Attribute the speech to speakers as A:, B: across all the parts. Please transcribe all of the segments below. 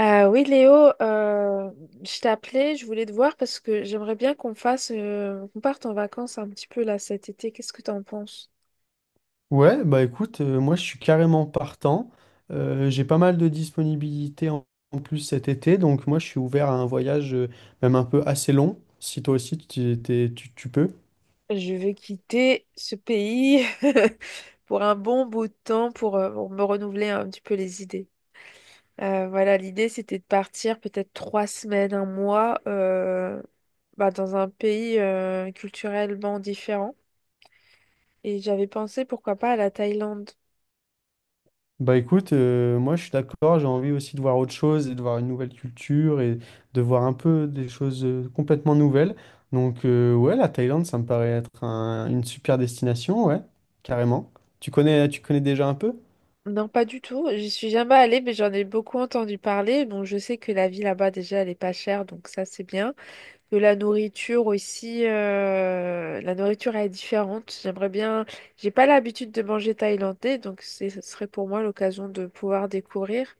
A: Oui, Léo, je t'ai appelé, je voulais te voir parce que j'aimerais bien qu'on parte en vacances un petit peu là cet été. Qu'est-ce que t'en penses?
B: Ouais, bah écoute, moi je suis carrément partant. J'ai pas mal de disponibilité en plus cet été, donc moi je suis ouvert à un voyage même un peu assez long, si toi aussi tu peux.
A: Je veux quitter ce pays pour un bon bout de temps pour me renouveler un petit peu les idées. Voilà, l'idée c'était de partir peut-être 3 semaines, un mois, bah, dans un pays culturellement différent. Et j'avais pensé pourquoi pas à la Thaïlande.
B: Bah écoute, moi je suis d'accord, j'ai envie aussi de voir autre chose et de voir une nouvelle culture et de voir un peu des choses complètement nouvelles. Donc ouais, la Thaïlande, ça me paraît être une super destination, ouais, carrément. Tu connais déjà un peu?
A: Non, pas du tout. J'y suis jamais allée, mais j'en ai beaucoup entendu parler. Bon, je sais que la vie là-bas, déjà, elle est pas chère, donc ça, c'est bien. Que la nourriture aussi, la nourriture elle est différente. J'aimerais bien. J'ai pas l'habitude de manger thaïlandais, donc ce serait pour moi l'occasion de pouvoir découvrir.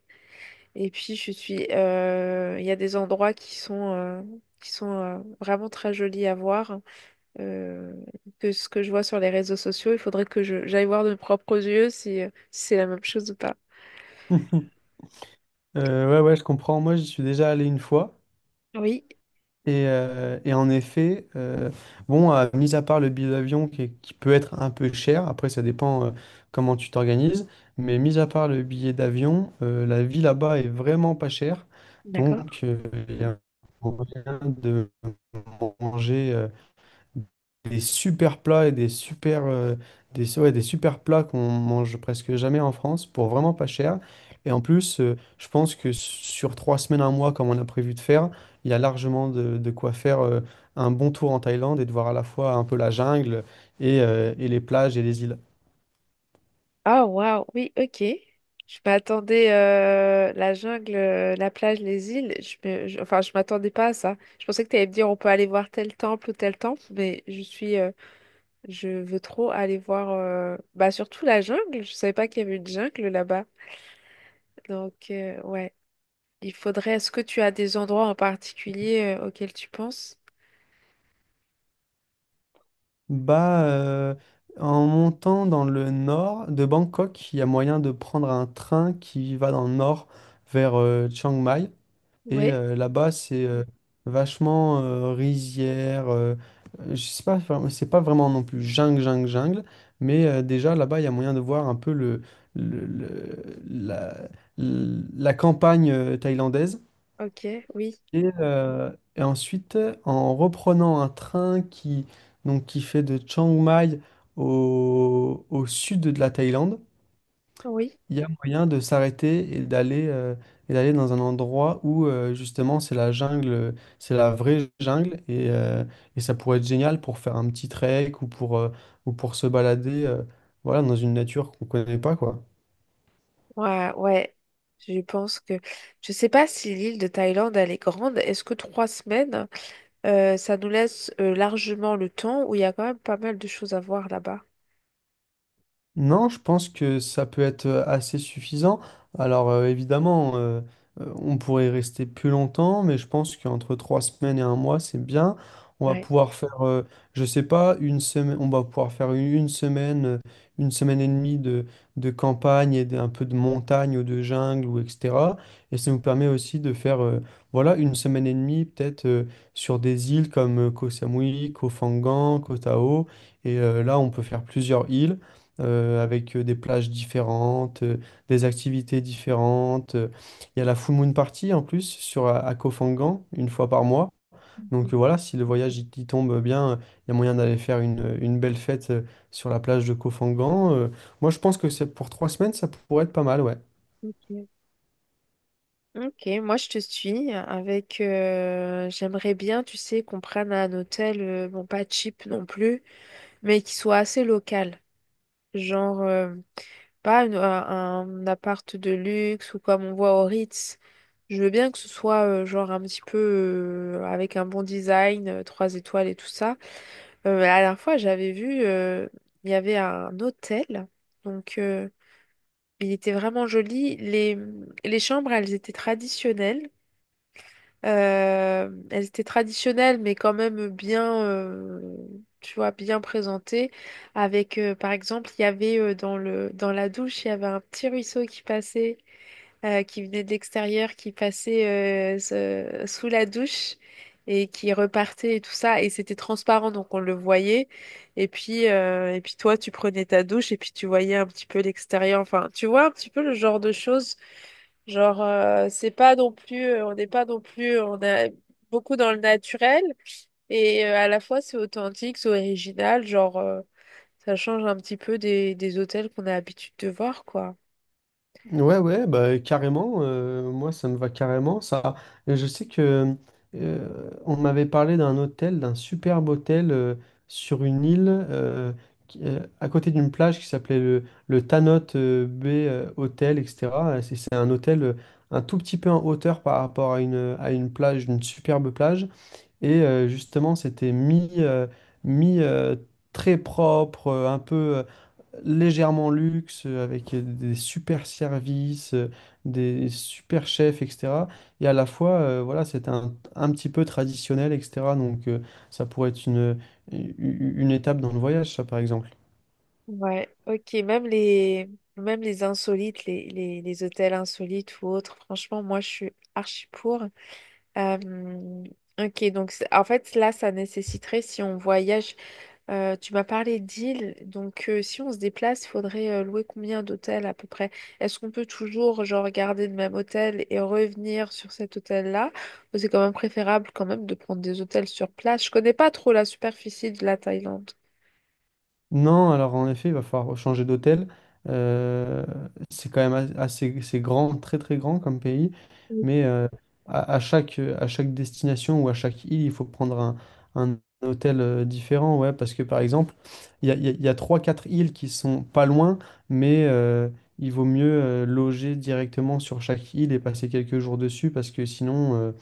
A: Et puis, je suis. Il y a des endroits qui sont, vraiment très jolis à voir. euh, que ce que je vois sur les réseaux sociaux, il faudrait que je j'aille voir de mes propres yeux si c'est la même chose ou pas.
B: Ouais, ouais, je comprends. Moi, j'y suis déjà allé une fois.
A: Oui,
B: Et en effet, bon, mis à part le billet d'avion qui peut être un peu cher, après ça dépend comment tu t'organises, mais mis à part le billet d'avion, la vie là-bas est vraiment pas chère.
A: d'accord.
B: Donc, il y a moyen de manger des super plats et des super, des, ouais, des super plats qu'on mange presque jamais en France pour vraiment pas cher. Et en plus, je pense que sur 3 semaines, un mois, comme on a prévu de faire, il y a largement de quoi faire un bon tour en Thaïlande et de voir à la fois un peu la jungle et les plages et les îles.
A: Ah, waouh, oui, ok. Je m'attendais la jungle, la plage, les îles. Enfin, je m'attendais pas à ça. Je pensais que tu allais me dire on peut aller voir tel temple ou tel temple, mais je suis, je veux trop aller voir, bah surtout la jungle. Je savais pas qu'il y avait une jungle là-bas. Donc ouais, il faudrait. Est-ce que tu as des endroits en particulier auxquels tu penses?
B: Bah, en montant dans le nord de Bangkok, il y a moyen de prendre un train qui va dans le nord vers Chiang Mai. Et
A: Ouais.
B: là-bas, c'est vachement rizière. Je sais pas, c'est pas vraiment non plus jungle, jungle, jungle. Mais déjà, là-bas, il y a moyen de voir un peu le- le- la, la campagne thaïlandaise.
A: Ok. Oui.
B: Et, euh, et ensuite, en reprenant un train qui, donc, qui fait de Chiang Mai au sud de la Thaïlande,
A: Oui.
B: il y a moyen de s'arrêter et d'aller dans un endroit où justement c'est la jungle, c'est la vraie jungle et ça pourrait être génial pour faire un petit trek ou pour se balader voilà, dans une nature qu'on connaît pas quoi.
A: Ouais, ouais, je pense que... Je sais pas si l'île de Thaïlande, elle est grande. Est-ce que 3 semaines, ça nous laisse largement le temps où il y a quand même pas mal de choses à voir là-bas?
B: Non, je pense que ça peut être assez suffisant. Alors évidemment, on pourrait rester plus longtemps, mais je pense qu'entre 3 semaines et un mois, c'est bien. On va
A: Ouais.
B: pouvoir faire, je sais pas, une semaine, on va pouvoir faire une semaine, une semaine et demie de campagne et d'un peu de montagne ou de jungle ou etc. Et ça nous permet aussi de faire, voilà, une semaine et demie peut-être sur des îles comme Koh Samui, Koh Phangan, Koh Tao. Et là, on peut faire plusieurs îles avec des plages différentes, des activités différentes. Il y a la Full Moon Party en plus à Koh Phangan, une fois par mois. Donc voilà, si le voyage il tombe bien, il y a moyen d'aller faire une belle fête sur la plage de Koh Phangan. Moi, je pense que c'est pour 3 semaines, ça pourrait être pas mal, ouais.
A: Ok. Ok, moi je te suis avec j'aimerais bien, tu sais, qu'on prenne un hôtel, bon pas cheap non plus, mais qui soit assez local. Genre pas un appart de luxe ou comme on voit au Ritz. Je veux bien que ce soit genre un petit peu avec un bon design, 3 étoiles et tout ça. La dernière fois, j'avais vu, il y avait un hôtel. Donc, il était vraiment joli. Les chambres, elles étaient traditionnelles. Elles étaient traditionnelles, mais quand même bien, tu vois, bien présentées. Avec, par exemple, il y avait dans la douche, il y avait un petit ruisseau qui passait, qui venait de l'extérieur, qui passait sous la douche et qui repartait et tout ça. Et c'était transparent, donc on le voyait. Et puis, toi, tu prenais ta douche et puis tu voyais un petit peu l'extérieur. Enfin, tu vois un petit peu le genre de choses. Genre, c'est pas non plus, on n'est pas non plus, on a beaucoup dans le naturel et à la fois c'est authentique, c'est original, genre, ça change un petit peu des hôtels qu'on a l'habitude de voir, quoi.
B: Ouais, ouais, bah, carrément. Moi, ça me va carrément. Et je sais que on m'avait parlé d'un hôtel, d'un superbe hôtel sur une île à côté d'une plage qui s'appelait le Tanot Bay Hotel, etc. C'est un hôtel un tout petit peu en hauteur par rapport à une plage, une superbe plage. Et justement, c'était mis très propre, un peu légèrement luxe, avec des super services, des super chefs, etc. Et à la fois, voilà, c'était un petit peu traditionnel, etc. Donc, ça pourrait être une une étape dans le voyage, ça, par exemple.
A: Ouais, ok, même les insolites, les hôtels insolites ou autres, franchement, moi je suis archi pour. Euh, ok, donc en fait, là, ça nécessiterait, si on voyage. Tu m'as parlé d'îles, donc si on se déplace, il faudrait louer combien d'hôtels à peu près? Est-ce qu'on peut toujours genre garder le même hôtel et revenir sur cet hôtel-là? Ou c'est quand même préférable quand même de prendre des hôtels sur place? Je connais pas trop la superficie de la Thaïlande.
B: Non, alors en effet, il va falloir changer d'hôtel. Euh, c'est quand même assez, c'est grand, très très grand comme pays,
A: Mm.
B: mais à chaque destination ou à chaque île, il faut prendre un hôtel différent, ouais, parce que par exemple, il y a, il y a, il y a trois, quatre îles qui sont pas loin, mais il vaut mieux loger directement sur chaque île et passer quelques jours dessus, parce que sinon,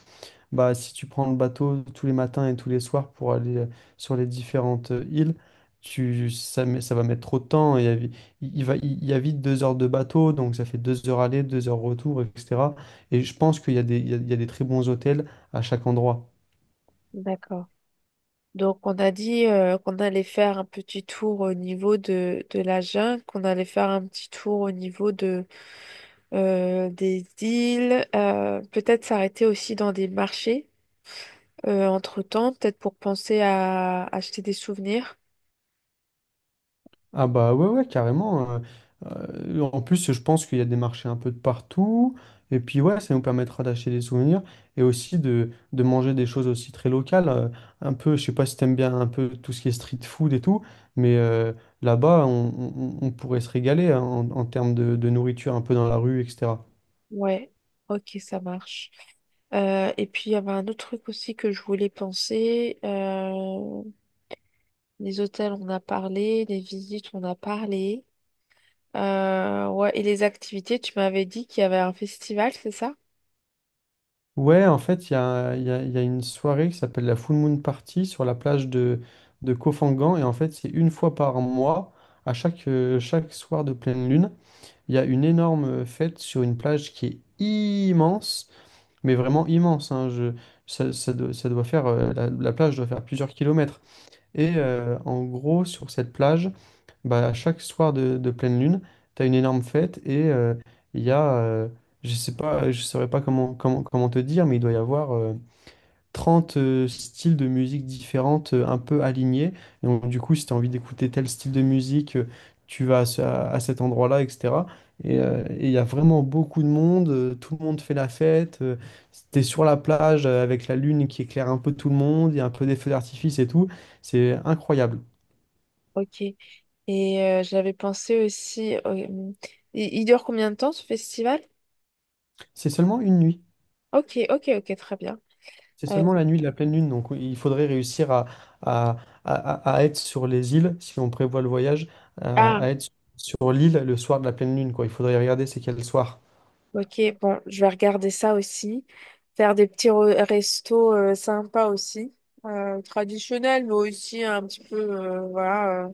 B: bah, si tu prends le bateau tous les matins et tous les soirs pour aller sur les différentes îles, ça va mettre trop de temps. Il y a vite 2 heures de bateau, donc ça fait 2 heures aller, 2 heures retour, etc. Et je pense qu'il y a des, il y a des très bons hôtels à chaque endroit.
A: D'accord. Donc on a dit qu'on allait faire un petit tour au niveau de la jungle, qu'on allait faire un petit tour au niveau des îles, peut-être s'arrêter aussi dans des marchés. Entre-temps, peut-être pour penser à acheter des souvenirs.
B: Ah bah ouais, ouais, carrément. En plus, je pense qu'il y a des marchés un peu de partout. Et puis ouais, ça nous permettra d'acheter des souvenirs et aussi de manger des choses aussi très locales. Un peu, je sais pas si t'aimes bien un peu tout ce qui est street food et tout, mais là-bas, on pourrait se régaler hein, en termes de nourriture un peu dans la rue, etc.
A: Ouais, ok, ça marche. Et puis, il y avait un autre truc aussi que je voulais penser. Les hôtels, on a parlé, les visites, on a parlé. Ouais, et les activités, tu m'avais dit qu'il y avait un festival, c'est ça?
B: Ouais, en fait, il y a une soirée qui s'appelle la Full Moon Party sur la plage de Koh Phangan. Et en fait, c'est une fois par mois, à chaque soir de pleine lune. Il y a une énorme fête sur une plage qui est immense, mais vraiment immense. Hein, ça doit faire, la plage doit faire plusieurs kilomètres. Et en gros, sur cette plage, bah, à chaque soir de pleine lune, tu as une énorme fête et il y a, euh, je sais pas, je saurais pas comment te dire, mais il doit y avoir 30 styles de musique différentes un peu alignés. Et donc, du coup, si tu as envie d'écouter tel style de musique, tu vas à cet endroit-là, etc. Et il y a vraiment beaucoup de monde, tout le monde fait la fête. T'es sur la plage avec la lune qui éclaire un peu tout le monde, il y a un peu des feux d'artifice et tout. C'est incroyable.
A: Ok. Et j'avais pensé aussi... Il dure combien de temps ce festival?
B: C'est seulement une nuit.
A: Ok, ok, ok, très bien.
B: C'est
A: Euh,
B: seulement la nuit de la pleine lune, donc oui, il faudrait réussir à, à- à être sur les îles, si on prévoit le voyage, à,
A: ah,
B: à être sur l'île le soir de la pleine lune, quoi. Il faudrait regarder c'est quel soir.
A: ok, bon, je vais regarder ça aussi. Faire des petits restos sympas aussi, traditionnels, mais aussi un petit peu, voilà,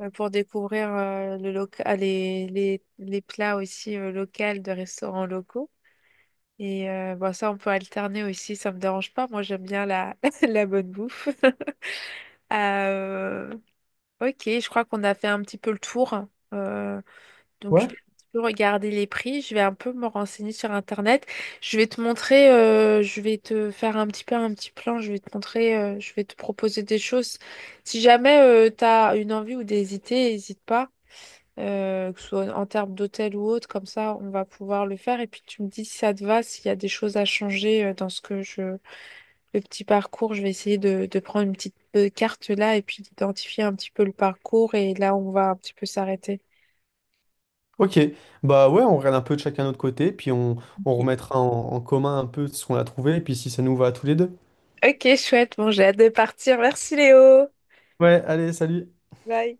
A: pour découvrir les, les plats aussi locaux de restaurants locaux. Et bon, ça, on peut alterner aussi, ça me dérange pas. Moi, j'aime bien la, la bonne bouffe. Euh, ok, je crois qu'on a fait un petit peu le tour. Euh, donc, je
B: Ouais.
A: vais un petit peu regarder les prix, je vais un peu me renseigner sur Internet. Je vais te montrer, je vais te faire un petit peu un petit plan, je vais te montrer, je vais te proposer des choses. Si jamais tu as une envie ou des idées, n'hésite pas, que ce soit en termes d'hôtel ou autre, comme ça, on va pouvoir le faire. Et puis, tu me dis si ça te va, s'il y a des choses à changer dans ce que le petit parcours. Je vais essayer de prendre une petite carte là et puis d'identifier un petit peu le parcours et là, on va un petit peu s'arrêter.
B: Ok, bah ouais, on regarde un peu de chacun notre côté, puis on
A: Ok.
B: remettra en commun un peu ce qu'on a trouvé, et puis si ça nous va à tous les deux.
A: Ok, chouette. Bon, j'ai hâte de partir. Merci Léo.
B: Ouais, allez, salut.
A: Bye.